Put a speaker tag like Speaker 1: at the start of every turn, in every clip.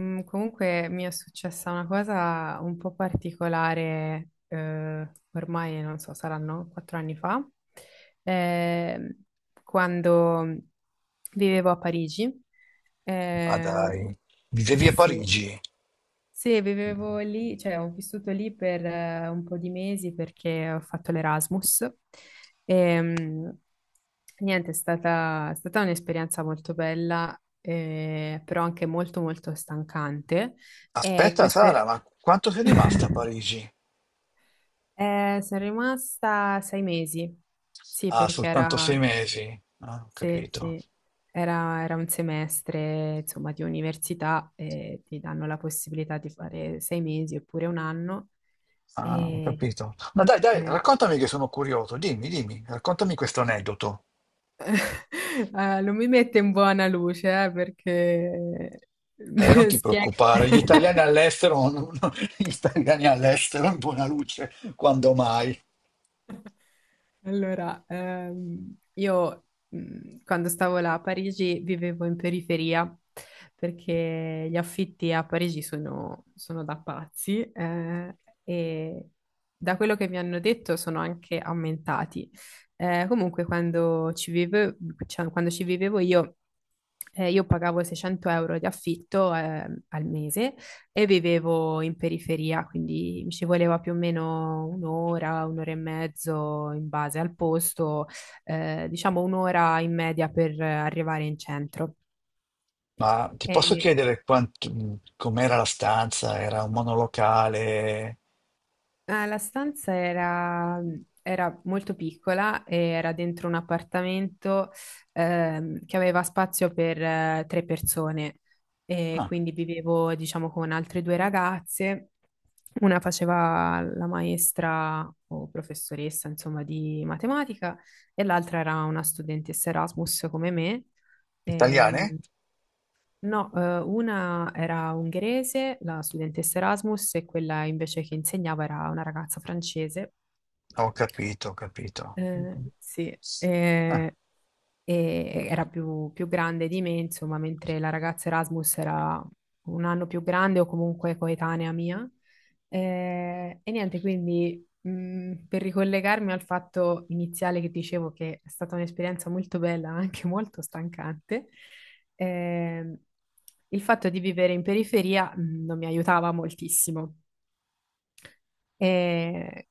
Speaker 1: Comunque mi è successa una cosa un po' particolare, ormai non so, saranno 4 anni fa, eh, quando vivevo a Parigi.
Speaker 2: Ma
Speaker 1: Eh,
Speaker 2: dai, vivevi a
Speaker 1: sì,
Speaker 2: Parigi.
Speaker 1: sì, vivevo lì, cioè ho vissuto lì per un po' di mesi perché ho fatto l'Erasmus. Ehm, Niente, è stata un'esperienza molto bella, però anche molto molto stancante. E
Speaker 2: Aspetta, Sara,
Speaker 1: queste...
Speaker 2: ma quanto sei rimasta a Parigi?
Speaker 1: sono rimasta 6 mesi, sì,
Speaker 2: Ah,
Speaker 1: perché
Speaker 2: soltanto sei
Speaker 1: era.
Speaker 2: mesi. Ah, ho
Speaker 1: Sì,
Speaker 2: capito.
Speaker 1: sì, era un semestre, insomma, di università e ti danno la possibilità di fare 6 mesi oppure un anno
Speaker 2: Ah, ho
Speaker 1: e
Speaker 2: capito. Ma dai, dai,
Speaker 1: eh,
Speaker 2: raccontami che sono curioso. Dimmi, dimmi, raccontami questo aneddoto.
Speaker 1: non mi mette in buona luce, perché
Speaker 2: Non ti
Speaker 1: spiega.
Speaker 2: preoccupare, gli italiani all'estero, gli italiani all'estero in buona luce, quando mai?
Speaker 1: Allora, io quando stavo là a Parigi vivevo in periferia perché gli affitti a Parigi sono da pazzi, e da quello che mi hanno detto sono anche aumentati. Comunque cioè, quando ci vivevo io pagavo 600 euro di affitto al mese e vivevo in periferia, quindi mi ci voleva più o meno un'ora, un'ora e mezzo in base al posto, diciamo un'ora in media per arrivare in centro.
Speaker 2: Ma ti posso
Speaker 1: E-
Speaker 2: chiedere com'era la stanza? Era un monolocale?
Speaker 1: Ah, la stanza era molto piccola e era dentro un appartamento, che aveva spazio per tre persone e
Speaker 2: Ah,
Speaker 1: quindi vivevo, diciamo, con altre due ragazze. Una faceva la maestra o professoressa, insomma, di matematica e l'altra era una studentessa Erasmus come me. Ehm,
Speaker 2: italiane?
Speaker 1: No, una era ungherese, la studentessa Erasmus, e quella invece che insegnava era una ragazza francese.
Speaker 2: Ho capito, ho capito.
Speaker 1: Sì,
Speaker 2: Ah,
Speaker 1: e era più grande di me, insomma, mentre la ragazza Erasmus era un anno più grande o comunque coetanea mia. E niente, quindi per ricollegarmi al fatto iniziale che dicevo che è stata un'esperienza molto bella, ma anche molto stancante, ehm, il fatto di vivere in periferia non mi aiutava moltissimo. Eh,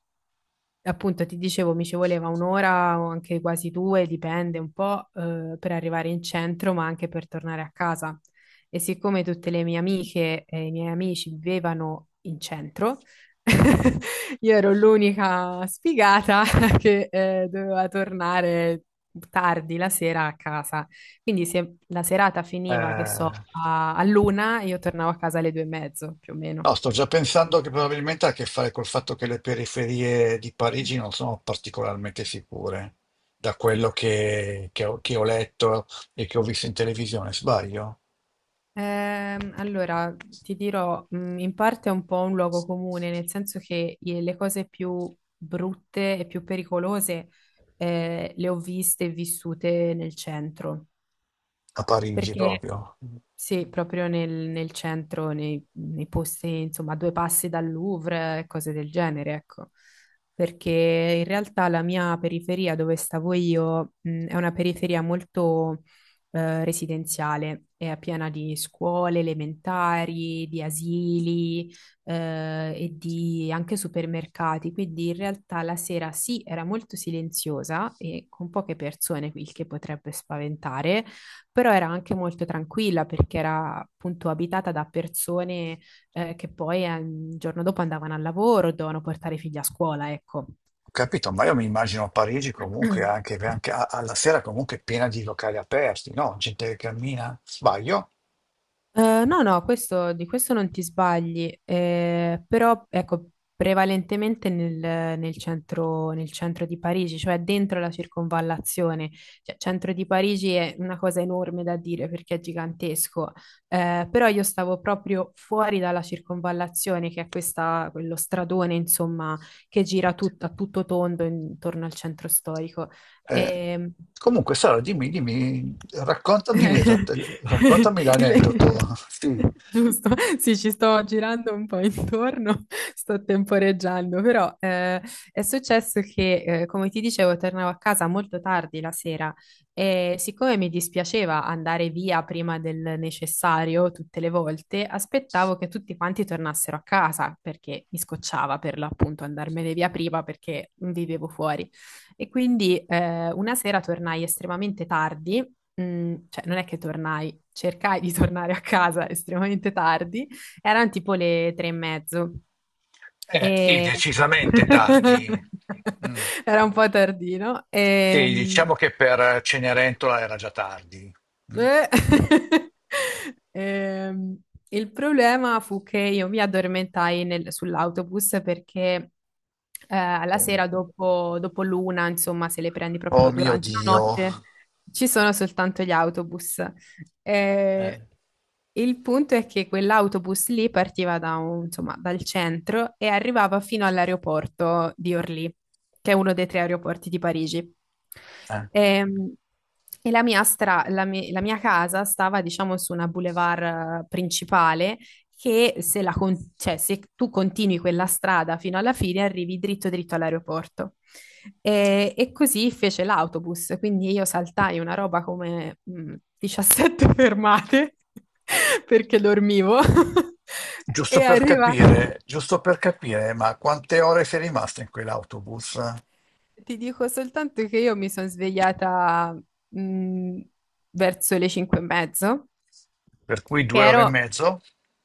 Speaker 1: Appunto, ti dicevo, mi ci voleva un'ora o anche quasi due, dipende un po', per arrivare in centro, ma anche per tornare a casa. E siccome tutte le mie amiche e i miei amici vivevano in centro, io ero l'unica sfigata che, doveva tornare tardi la sera a casa. Quindi se la serata finiva, che so,
Speaker 2: eh,
Speaker 1: all'una, io tornavo a casa alle 2:30, più o meno.
Speaker 2: no, sto già pensando che probabilmente ha a che fare col fatto che le periferie di Parigi non sono particolarmente sicure, da quello che ho letto e che ho visto in televisione, sbaglio?
Speaker 1: Allora, ti dirò, in parte è un po' un luogo comune, nel senso che le cose più brutte e più pericolose, le ho viste e vissute nel centro.
Speaker 2: A Parigi
Speaker 1: Perché
Speaker 2: proprio. Ho
Speaker 1: sì, proprio nel centro, nei posti, insomma, a due passi dal Louvre, e cose del genere, ecco. Perché in realtà la mia periferia dove stavo io, è una periferia molto residenziale, è piena di scuole elementari, di asili, e di anche supermercati. Quindi in realtà la sera sì, era molto silenziosa e con poche persone, il che potrebbe spaventare, però era anche molto tranquilla perché era appunto abitata da persone che poi il giorno dopo andavano al lavoro, dovevano portare i figli a scuola, ecco.
Speaker 2: capito, ma io mi immagino Parigi comunque anche alla sera comunque piena di locali aperti, no? Gente che cammina, sbaglio?
Speaker 1: No, no, di questo non ti sbagli, però ecco, prevalentemente nel centro di Parigi, cioè dentro la circonvallazione. Cioè, centro di Parigi è una cosa enorme da dire perché è gigantesco, però io stavo proprio fuori dalla circonvallazione, che è questa, quello stradone, insomma, che gira a tutto tondo intorno al centro storico.
Speaker 2: Eh,
Speaker 1: Ehm,
Speaker 2: Comunque Sara, dimmi, dimmi, raccontami, raccontami
Speaker 1: Il-
Speaker 2: l'aneddoto. Sì.
Speaker 1: Giusto, sì, ci sto girando un po' intorno, sto temporeggiando, però è successo che, come ti dicevo, tornavo a casa molto tardi la sera, e siccome mi dispiaceva andare via prima del necessario tutte le volte, aspettavo che tutti quanti tornassero a casa perché mi scocciava per l'appunto andarmene via prima perché vivevo fuori. E quindi una sera tornai estremamente tardi, cioè non è che tornai, cercai di tornare a casa estremamente tardi, eran tipo le 3 e mezzo
Speaker 2: Sì,
Speaker 1: e
Speaker 2: decisamente tardi. Mm.
Speaker 1: era un po' tardino.
Speaker 2: Sì, diciamo che per Cenerentola era già tardi. Mm.
Speaker 1: Eh, ehm, il problema fu che io mi addormentai sull'autobus perché, alla
Speaker 2: Oh,
Speaker 1: sera dopo l'una, insomma, se le prendi
Speaker 2: oh
Speaker 1: proprio
Speaker 2: mio
Speaker 1: durante la
Speaker 2: Dio.
Speaker 1: notte, ci sono soltanto gli autobus. Eh,
Speaker 2: Eh,
Speaker 1: il punto è che quell'autobus lì partiva da insomma, dal centro e arrivava fino all'aeroporto di Orly, che è uno dei tre aeroporti di Parigi.
Speaker 2: eh.
Speaker 1: Ehm, E, la mia, stra- la mi- la mia casa stava, diciamo, su una boulevard principale che se, la con- cioè, se tu continui quella strada fino alla fine arrivi dritto dritto all'aeroporto. E così fece l'autobus, quindi io saltai una roba come 17 fermate perché dormivo e arriva.
Speaker 2: Giusto per capire, ma quante ore sei rimasta in quell'autobus?
Speaker 1: Ti dico soltanto che io mi sono svegliata mh, verso le 5 e mezzo.
Speaker 2: Per cui
Speaker 1: Che
Speaker 2: due ore e
Speaker 1: ero
Speaker 2: mezzo?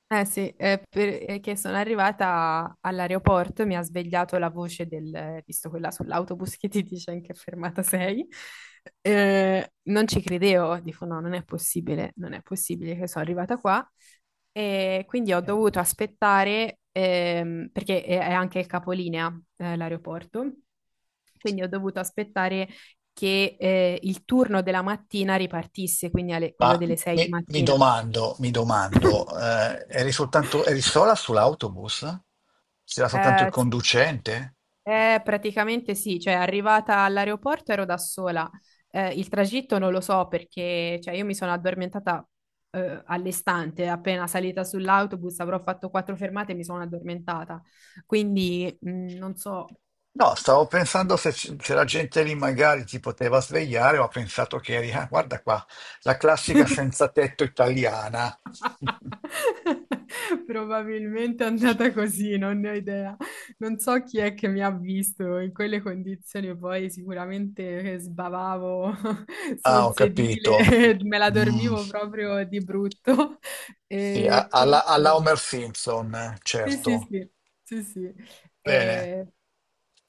Speaker 1: Eh sì, perché sono arrivata all'aeroporto e mi ha svegliato la voce del, visto quella sull'autobus che ti dice in che fermata sei, non ci credevo, dico no, non è possibile, non è possibile che sono arrivata qua, e quindi ho
Speaker 2: Eh.
Speaker 1: dovuto aspettare, perché è anche il capolinea, l'aeroporto, quindi ho dovuto aspettare che il turno della mattina ripartisse, quindi quello
Speaker 2: Ma
Speaker 1: delle 6
Speaker 2: mi,
Speaker 1: di
Speaker 2: mi
Speaker 1: mattina.
Speaker 2: domando, mi domando, eri soltanto, eri sola sull'autobus? C'era soltanto il
Speaker 1: Eh,
Speaker 2: conducente?
Speaker 1: praticamente sì, cioè arrivata all'aeroporto ero da sola. Il tragitto non lo so perché cioè, io mi sono addormentata all'istante, appena salita sull'autobus avrò fatto quattro fermate e mi sono addormentata. Quindi non so.
Speaker 2: No, stavo pensando se, se la gente lì magari ti poteva svegliare, ho pensato che eri, ah, guarda qua, la classica senza tetto italiana.
Speaker 1: Probabilmente è andata così, non ne ho idea. Non so chi è che mi ha visto in quelle condizioni, poi sicuramente sbavavo
Speaker 2: Ah,
Speaker 1: sul
Speaker 2: ho capito.
Speaker 1: sedile, me la
Speaker 2: Mm,
Speaker 1: dormivo proprio di brutto.
Speaker 2: sì,
Speaker 1: E
Speaker 2: alla, alla
Speaker 1: quindi
Speaker 2: Homer Simpson,
Speaker 1: sì, sì,
Speaker 2: certo.
Speaker 1: sì, sì, sì.
Speaker 2: Bene,
Speaker 1: Eh,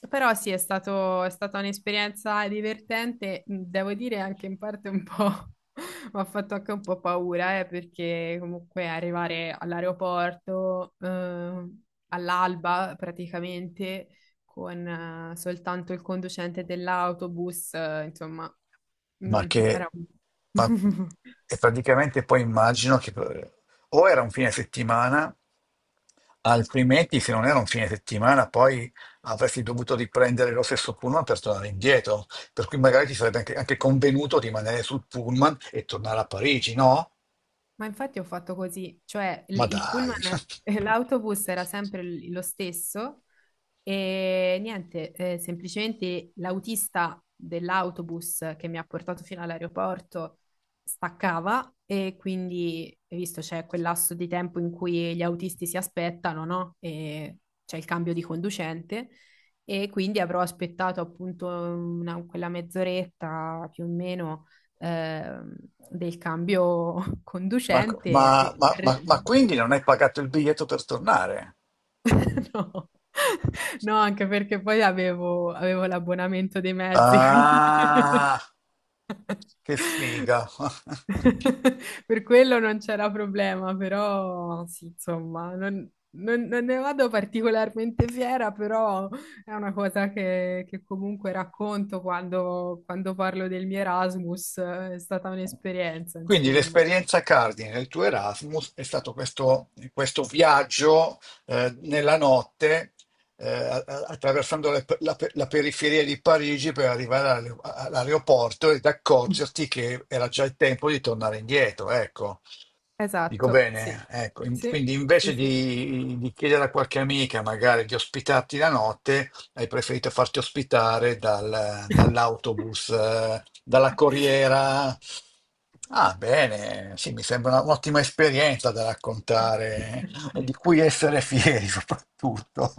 Speaker 1: però sì, è stata un'esperienza divertente, devo dire anche in parte un po', mi ha fatto anche un po' paura, perché comunque arrivare all'aeroporto, all'alba praticamente, con, soltanto il conducente dell'autobus, insomma,
Speaker 2: ma che...
Speaker 1: era un.
Speaker 2: ma- e praticamente poi immagino che o era un fine settimana. Altrimenti, se non era un fine settimana, poi avresti dovuto riprendere lo stesso pullman per tornare indietro. Per cui magari ti sarebbe anche, anche convenuto di rimanere sul pullman e tornare a Parigi, no?
Speaker 1: Ma infatti ho fatto così, cioè
Speaker 2: Ma
Speaker 1: il
Speaker 2: dai,
Speaker 1: pullman e l'autobus era sempre lo stesso, e niente, semplicemente l'autista dell'autobus che mi ha portato fino all'aeroporto staccava e quindi, hai visto, c'è quel lasso di tempo in cui gli autisti si aspettano, no? E c'è il cambio di conducente, e quindi avrò aspettato appunto quella mezz'oretta più o meno, eh, del cambio
Speaker 2: ma,
Speaker 1: conducente.
Speaker 2: ma- ma- ma- ma quindi non hai pagato il biglietto per tornare?
Speaker 1: No. No, anche perché poi avevo l'abbonamento dei mezzi, quindi
Speaker 2: Ah, che figa!
Speaker 1: per quello non c'era problema, però sì, insomma, non ne vado particolarmente fiera, però è una cosa che comunque racconto quando parlo del mio Erasmus, è stata un'esperienza,
Speaker 2: Quindi
Speaker 1: insomma.
Speaker 2: l'esperienza cardine del tuo Erasmus è stato questo, questo viaggio nella notte attraversando la periferia di Parigi per arrivare all'aeroporto ed accorgerti che era già il tempo di tornare indietro, ecco. Dico
Speaker 1: Esatto, sì,
Speaker 2: bene, ecco,
Speaker 1: sì,
Speaker 2: quindi
Speaker 1: sì,
Speaker 2: invece
Speaker 1: sì.
Speaker 2: di, chiedere a qualche amica magari di ospitarti la notte, hai preferito farti ospitare dall'autobus, dalla corriera. Ah, bene, sì, mi sembra un'ottima esperienza da raccontare e di cui essere fieri soprattutto.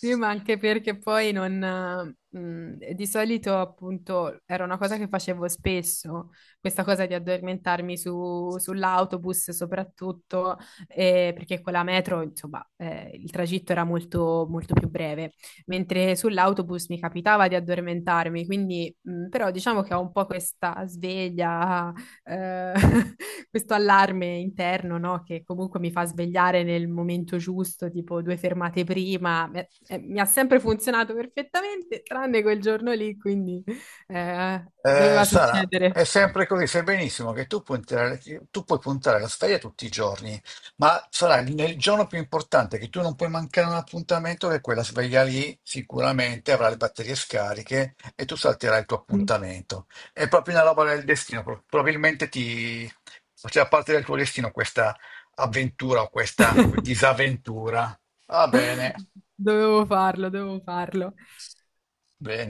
Speaker 1: Sì, ma anche perché poi non, di solito appunto era una cosa che facevo spesso, questa cosa di addormentarmi sull'autobus soprattutto, perché con la metro insomma, il tragitto era molto, molto più breve, mentre sull'autobus mi capitava di addormentarmi, quindi però diciamo che ho un po' questa sveglia, eh, questo allarme interno, no? Che comunque mi fa svegliare nel momento giusto, tipo due fermate prima. Mi ha sempre funzionato perfettamente, tranne quel giorno lì, quindi doveva
Speaker 2: Sara, è
Speaker 1: succedere.
Speaker 2: sempre così, sai benissimo che tu puoi puntare la sveglia tutti i giorni, ma sarà nel giorno più importante che tu non puoi mancare un appuntamento, che quella sveglia lì sicuramente avrà le batterie scariche e tu salterai il tuo appuntamento. È proprio una roba del destino, probabilmente ti faceva parte del tuo destino questa avventura o questa disavventura. Va bene,
Speaker 1: Dovevo farlo, dovevo farlo.
Speaker 2: bene.